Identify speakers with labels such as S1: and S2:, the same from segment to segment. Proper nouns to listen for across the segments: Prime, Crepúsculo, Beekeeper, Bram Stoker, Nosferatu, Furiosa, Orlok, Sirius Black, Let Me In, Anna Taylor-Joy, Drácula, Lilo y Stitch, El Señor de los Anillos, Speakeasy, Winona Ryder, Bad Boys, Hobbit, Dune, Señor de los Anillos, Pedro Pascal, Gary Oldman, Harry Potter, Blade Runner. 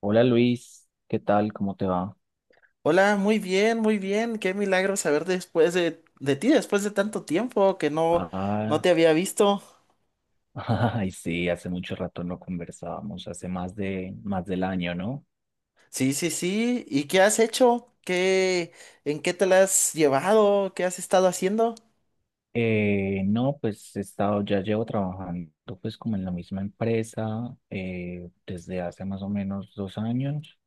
S1: Hola Luis, ¿qué tal? ¿Cómo te va?
S2: Hola, muy bien, muy bien. Qué milagro saber después de ti, después de tanto tiempo que no, no
S1: Ah,
S2: te había visto.
S1: ay, sí, hace mucho rato no conversábamos, hace más de más del año, ¿no?
S2: Sí, sí, sí. ¿Y qué has hecho? ¿En qué te la has llevado? ¿Qué has estado haciendo?
S1: No, pues he estado, ya llevo trabajando pues como en la misma empresa desde hace más o menos 2 años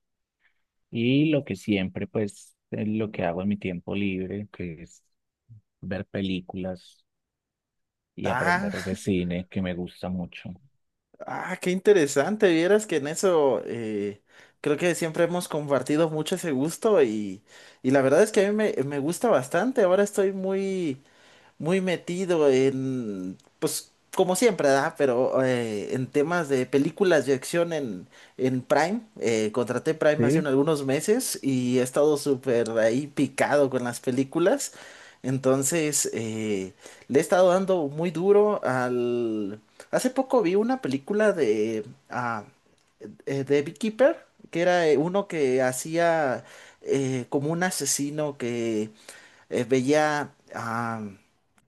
S1: y lo que siempre pues lo que hago en mi tiempo libre, que es ver películas y
S2: Ah,
S1: aprender de cine, que me gusta mucho.
S2: ah, qué interesante. Vieras que en eso creo que siempre hemos compartido mucho ese gusto y la verdad es que a me gusta bastante. Ahora estoy muy muy metido en, pues como siempre, ¿verdad? Pero en temas de películas de en Prime. Contraté Prime hace
S1: Sí.
S2: algunos meses y he estado súper ahí picado con las películas. Entonces, le he estado dando muy duro al... Hace poco vi una ah, de Beekeeper, que era uno que hacía como un asesino veía,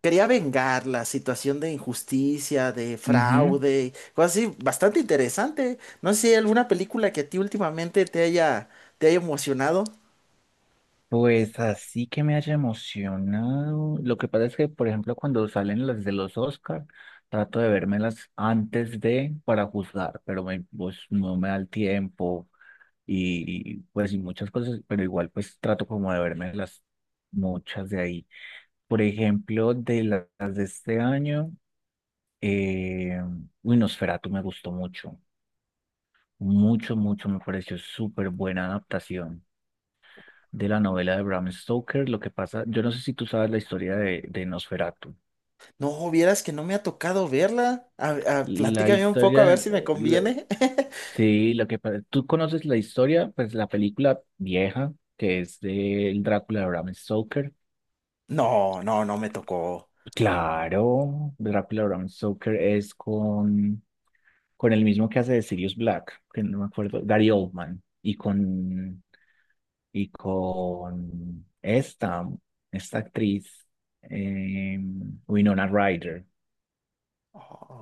S2: quería vengar la situación de injusticia, de
S1: Ujú.
S2: fraude, cosas así, bastante interesante. No sé si hay alguna película que a ti últimamente te haya emocionado.
S1: Pues así que me haya emocionado. Lo que pasa es que, por ejemplo, cuando salen las de los Oscar, trato de vérmelas antes de para juzgar, pero pues, no me da el tiempo y pues y muchas cosas, pero igual pues trato como de vérmelas muchas de ahí. Por ejemplo, de las de este año, eh, uy, Nosferatu me gustó mucho, me pareció súper buena adaptación de la novela de Bram Stoker. Lo que pasa, yo no sé si tú sabes la historia de Nosferatu.
S2: No, vieras que no me ha tocado verla.
S1: La
S2: Platícame un poco a
S1: historia,
S2: ver si me conviene.
S1: sí, lo que pasa, tú conoces la historia, pues la película vieja, que es del Drácula de Bram Stoker.
S2: No, no, no me tocó.
S1: Claro, Drácula de Bram Stoker es con el mismo que hace de Sirius Black, que no me acuerdo, Gary Oldman, y con esta, esta actriz, eh, Winona Ryder.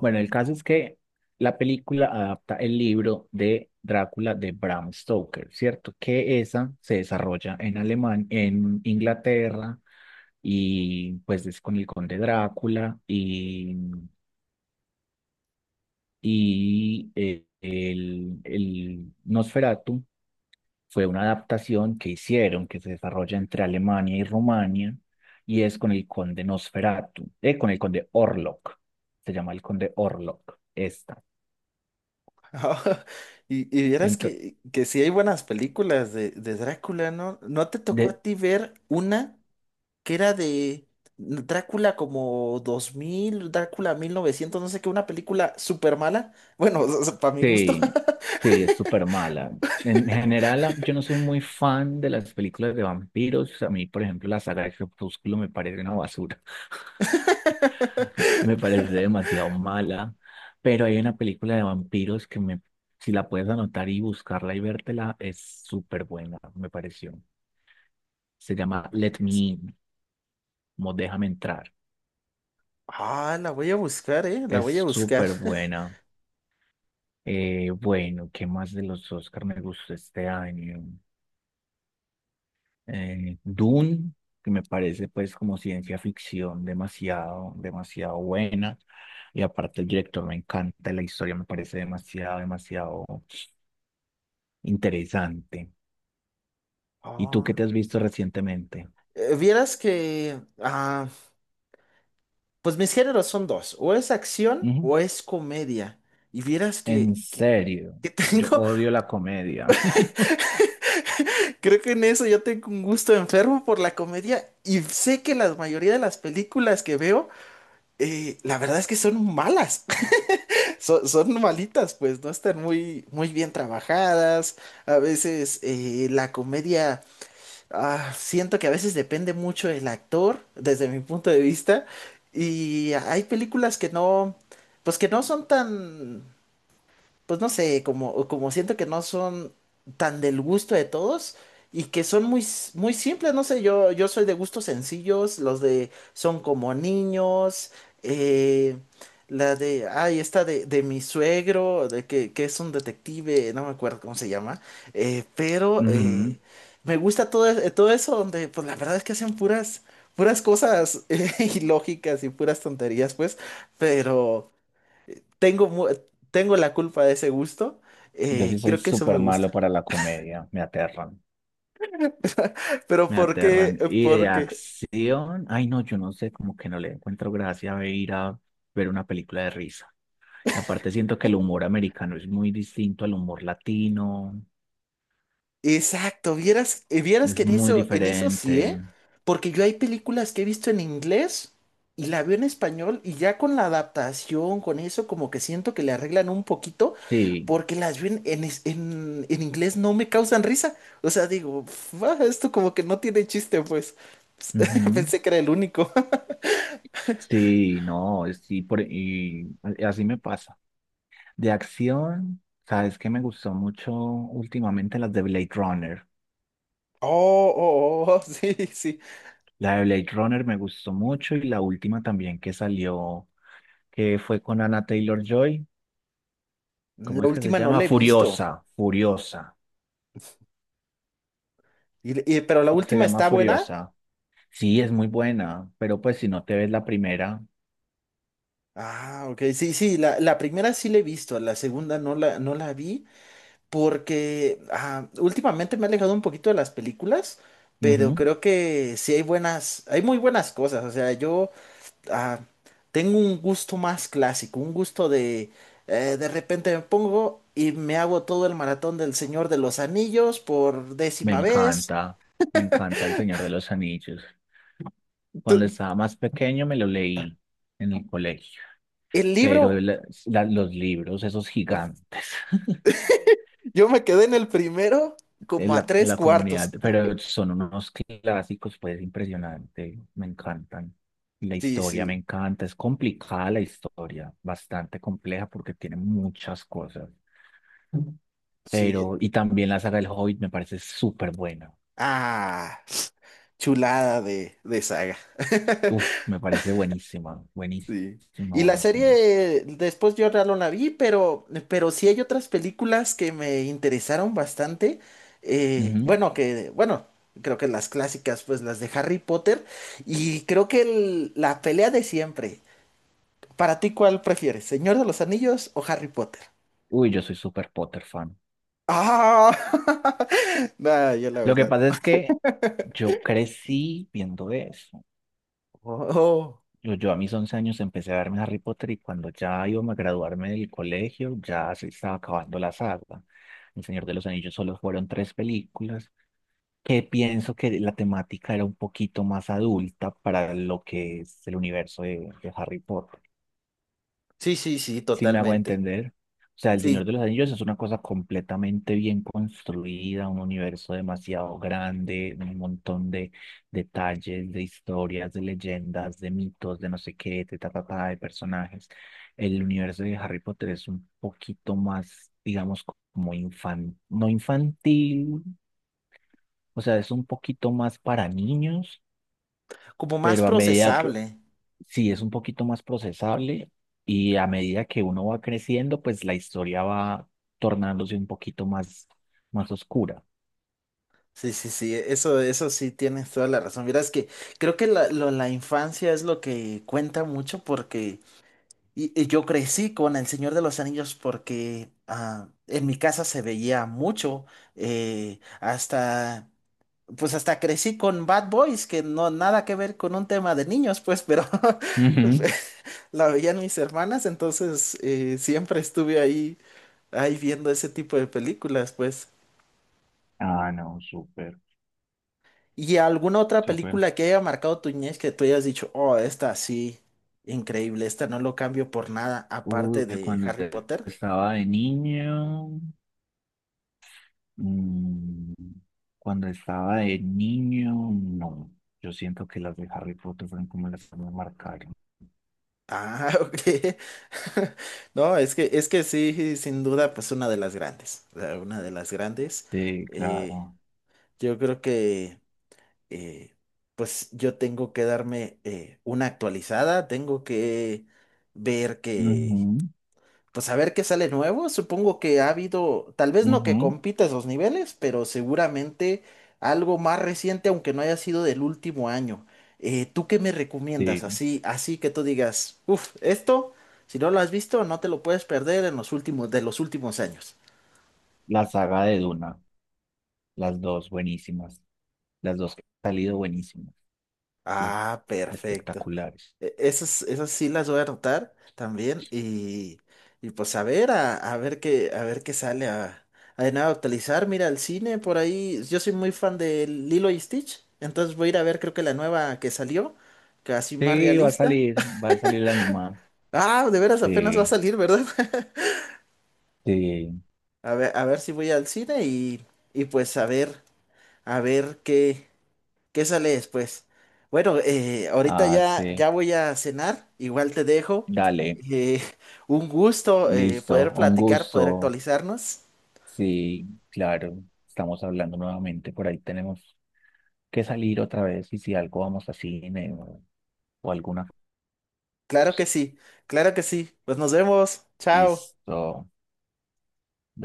S1: Bueno, el caso es que la película adapta el libro de Drácula de Bram Stoker, ¿cierto? Que esa se desarrolla en Alemania, en Inglaterra, y pues es con el conde Drácula y el Nosferatu fue una adaptación que hicieron que se desarrolla entre Alemania y Rumania y es con el conde Nosferatu, con el conde Orlok, se llama el conde Orlok, esta.
S2: Y, y vieras
S1: Ento-
S2: que sí hay buenas películas de Drácula, ¿no? ¿No te tocó a
S1: De,
S2: ti ver una? Que era de Drácula como 2000 Drácula 1900 no sé qué, una película súper mala. Bueno, para mi gusto.
S1: sí, sí, es súper mala. En general, yo no soy muy fan de las películas de vampiros. A mí, por ejemplo, la saga de Crepúsculo me parece una basura. Me parece demasiado mala. Pero hay una película de vampiros si la puedes anotar y buscarla y vértela, es súper buena, me pareció. Se llama
S2: ¿Cuál
S1: Let Me
S2: es?
S1: In, como Déjame Entrar.
S2: Ah, la voy a buscar, ¿eh? La voy a
S1: Es
S2: buscar.
S1: súper buena. Bueno, ¿Qué más de los Oscar me gustó este año? Eh, Dune, que me parece pues como ciencia ficción demasiado buena. Y aparte el director me encanta, la historia me parece demasiado interesante. ¿Y tú qué
S2: Ah.
S1: te has visto recientemente?
S2: Vieras que, ah, pues mis géneros son dos, o es acción
S1: Ujú.
S2: o es comedia. Y vieras
S1: En
S2: que, que,
S1: serio,
S2: que
S1: yo
S2: tengo...
S1: odio la comedia.
S2: Creo que en eso yo tengo un gusto enfermo por la comedia y sé que la mayoría de las películas que veo la verdad es que son malas. Son, son malitas, pues no están muy, muy bien trabajadas. A veces la comedia, ah, siento que a veces depende mucho del actor, desde mi punto de vista. Y hay películas que no, pues que no son tan, pues no sé, como, como siento que no son tan del gusto de todos y que son muy, s- muy simples, no sé, yo soy de gustos sencillos, los de son como niños, eh, la ay, esta de mi suegro, que es un detective, no me acuerdo cómo se llama, pero
S1: Ujú.
S2: me gusta todo, todo eso donde, pues la verdad es que hacen puras... Puras cosas ilógicas y puras tonterías, pues, pero, tengo, mu- tengo la culpa de ese gusto.
S1: Yo sí soy
S2: Creo que eso me
S1: súper
S2: gusta.
S1: malo para la comedia, me aterran.
S2: Pero
S1: Me
S2: ¿por qué?
S1: aterran. Y de
S2: Porque.
S1: acción, ay no, yo no sé, como que no le encuentro gracia a ir a ver una película de risa. Y aparte siento que el humor americano es muy distinto al humor latino,
S2: Exacto, vieras, vieras que
S1: es muy
S2: en eso sí,
S1: diferente.
S2: ¿eh? Porque yo hay películas que he visto en inglés y la veo en español y ya con la adaptación, con eso, como que siento que le arreglan un poquito
S1: Sí,
S2: porque las veo en inglés no me causan risa. O sea, digo, "Pf, ah, esto como que no tiene chiste, pues."
S1: ujú.
S2: Pensé que era el único.
S1: Sí, no, sí, así me pasa. De acción, ¿sabes que me gustó mucho últimamente? Las de Blade Runner.
S2: Oh, oh, oh, sí, sí.
S1: La de Blade Runner me gustó mucho y la última también que salió, que fue con Anna Taylor-Joy.
S2: La
S1: ¿Cómo es que se
S2: última no
S1: llama?
S2: la he visto.
S1: Furiosa.
S2: Pero la
S1: Se
S2: última
S1: llama
S2: está buena.
S1: Furiosa. Sí, es muy buena, pero pues si no te ves la primera,
S2: Ah, ok. Sí, sí, la primera sí la he visto, la segunda no la vi porque ah, últimamente me he alejado un poquito de las películas, pero
S1: ujú.
S2: creo que sí hay buenas, hay muy buenas cosas. O sea, yo ah, tengo un gusto más clásico, un gusto de repente me pongo y me hago todo el maratón del Señor de los Anillos por
S1: Me
S2: décima vez.
S1: encanta, me encanta El Señor de los Anillos. Cuando
S2: Tu-
S1: estaba más pequeño me lo leí en el colegio,
S2: El
S1: pero
S2: libro.
S1: los libros, esos gigantes.
S2: Yo me quedé en el primero como
S1: En
S2: a
S1: la, en
S2: tres
S1: la comunidad,
S2: cuartos.
S1: pero son unos clásicos, pues impresionante, me encantan. Y la
S2: Sí,
S1: historia me
S2: sí.
S1: encanta, es complicada la historia, bastante compleja porque tiene muchas cosas,
S2: Sí.
S1: pero y también la saga del Hobbit me parece súper buena.
S2: Ah, chulada de saga.
S1: Uf, me parece
S2: Sí. Y la
S1: buenísima.
S2: serie, después yo ya no la vi, pero sí hay otras películas que me interesaron bastante.
S1: Ujú.
S2: Bueno, creo que las clásicas, pues las de Harry Potter. Y creo que la pelea de siempre. ¿Para ti cuál prefieres? ¿Señor de los Anillos o Harry Potter?
S1: Uy, yo soy súper Potter fan.
S2: Ah, nada, yo la
S1: Lo que
S2: verdad.
S1: pasa es que yo crecí viendo eso.
S2: Oh,
S1: Yo a mis 11 años empecé a verme Harry Potter y cuando ya iba a graduarme del colegio ya se estaba acabando la saga. El Señor de los Anillos solo fueron 3 películas, que pienso que la temática era un poquito más adulta para lo que es el universo de Harry Potter
S2: sí, sí, sí,
S1: si me hago
S2: totalmente.
S1: entender. O sea, El Señor
S2: Sí,
S1: de los Anillos es una cosa completamente bien construida, un universo demasiado grande, un montón de detalles, de historias, de leyendas, de mitos, de no sé qué, de ta, ta, ta, de personajes. El universo de Harry Potter es un poquito más, digamos, como infantil, no infantil, o sea, es un poquito más para niños,
S2: como más
S1: pero a medida que,
S2: procesable.
S1: sí es un poquito más procesable y a medida que uno va creciendo, pues la historia va tornándose un poquito más, más oscura.
S2: Sí, sí, sí, eso sí tienes toda la razón. Mira, es que creo que la infancia es lo que cuenta mucho porque y yo crecí con El Señor de los Anillos porque ah, en mi casa se veía mucho hasta pues hasta crecí con Bad Boys, que no nada que ver con un tema de niños, pues, pero
S1: Ujú.
S2: la veían mis hermanas, entonces siempre estuve ahí, ahí viendo ese tipo de películas, pues.
S1: Ah, no, súper,
S2: ¿Y alguna otra
S1: súper.
S2: película que haya marcado tu niñez que tú hayas dicho, oh, esta sí, increíble, esta no lo cambio por nada,
S1: Uy,
S2: aparte
S1: que
S2: de
S1: cuando
S2: Harry Potter?
S1: estaba de niño, mm, cuando estaba de niño, no. Yo siento que las de Harry Potter fueron como las que me marcaron.
S2: Ah, ok. No, es que sí, sin duda, pues una de las grandes, o sea, una de las grandes.
S1: Sí,
S2: eh,
S1: claro.
S2: yo creo que eh, pues yo tengo que darme una actualizada, tengo que ver que,
S1: Ujú,
S2: pues a ver qué sale nuevo. Supongo que ha habido, tal vez no que
S1: ujú,
S2: compita esos niveles, pero seguramente algo más reciente, aunque no haya sido del último año. ¿Tú qué me recomiendas?
S1: sí.
S2: Así, así que tú digas, uff, esto, si no lo has visto, no te lo puedes perder en los últimos, de los últimos años.
S1: La saga de Duna, las dos buenísimas. Las dos que han salido buenísimas. Uf,
S2: Ah, perfecto.
S1: espectaculares.
S2: Esas, esas sí las voy a anotar también y pues a ver qué sale a de nada actualizar. Mira, el cine por ahí, yo soy muy fan de Lilo y Stitch, entonces voy a ir a ver creo que la nueva que salió, casi
S1: Sí,
S2: más realista.
S1: va a salir la animada.
S2: Ah, de veras
S1: Sí,
S2: apenas va a salir, ¿verdad?
S1: sí.
S2: A ver si voy al cine y pues a ver qué. ¿Qué sale después? Bueno, ahorita
S1: Ah,
S2: ya,
S1: sí.
S2: ya voy a cenar, igual te dejo.
S1: Dale,
S2: Eh, un gusto
S1: listo.
S2: poder
S1: Un
S2: platicar, poder
S1: gusto.
S2: actualizarnos.
S1: Sí, claro. Estamos hablando nuevamente. Por ahí tenemos que salir otra vez y si algo vamos a cine o alguna
S2: Claro que
S1: cosa.
S2: sí, claro que sí. Pues nos vemos. Chao.
S1: Listo.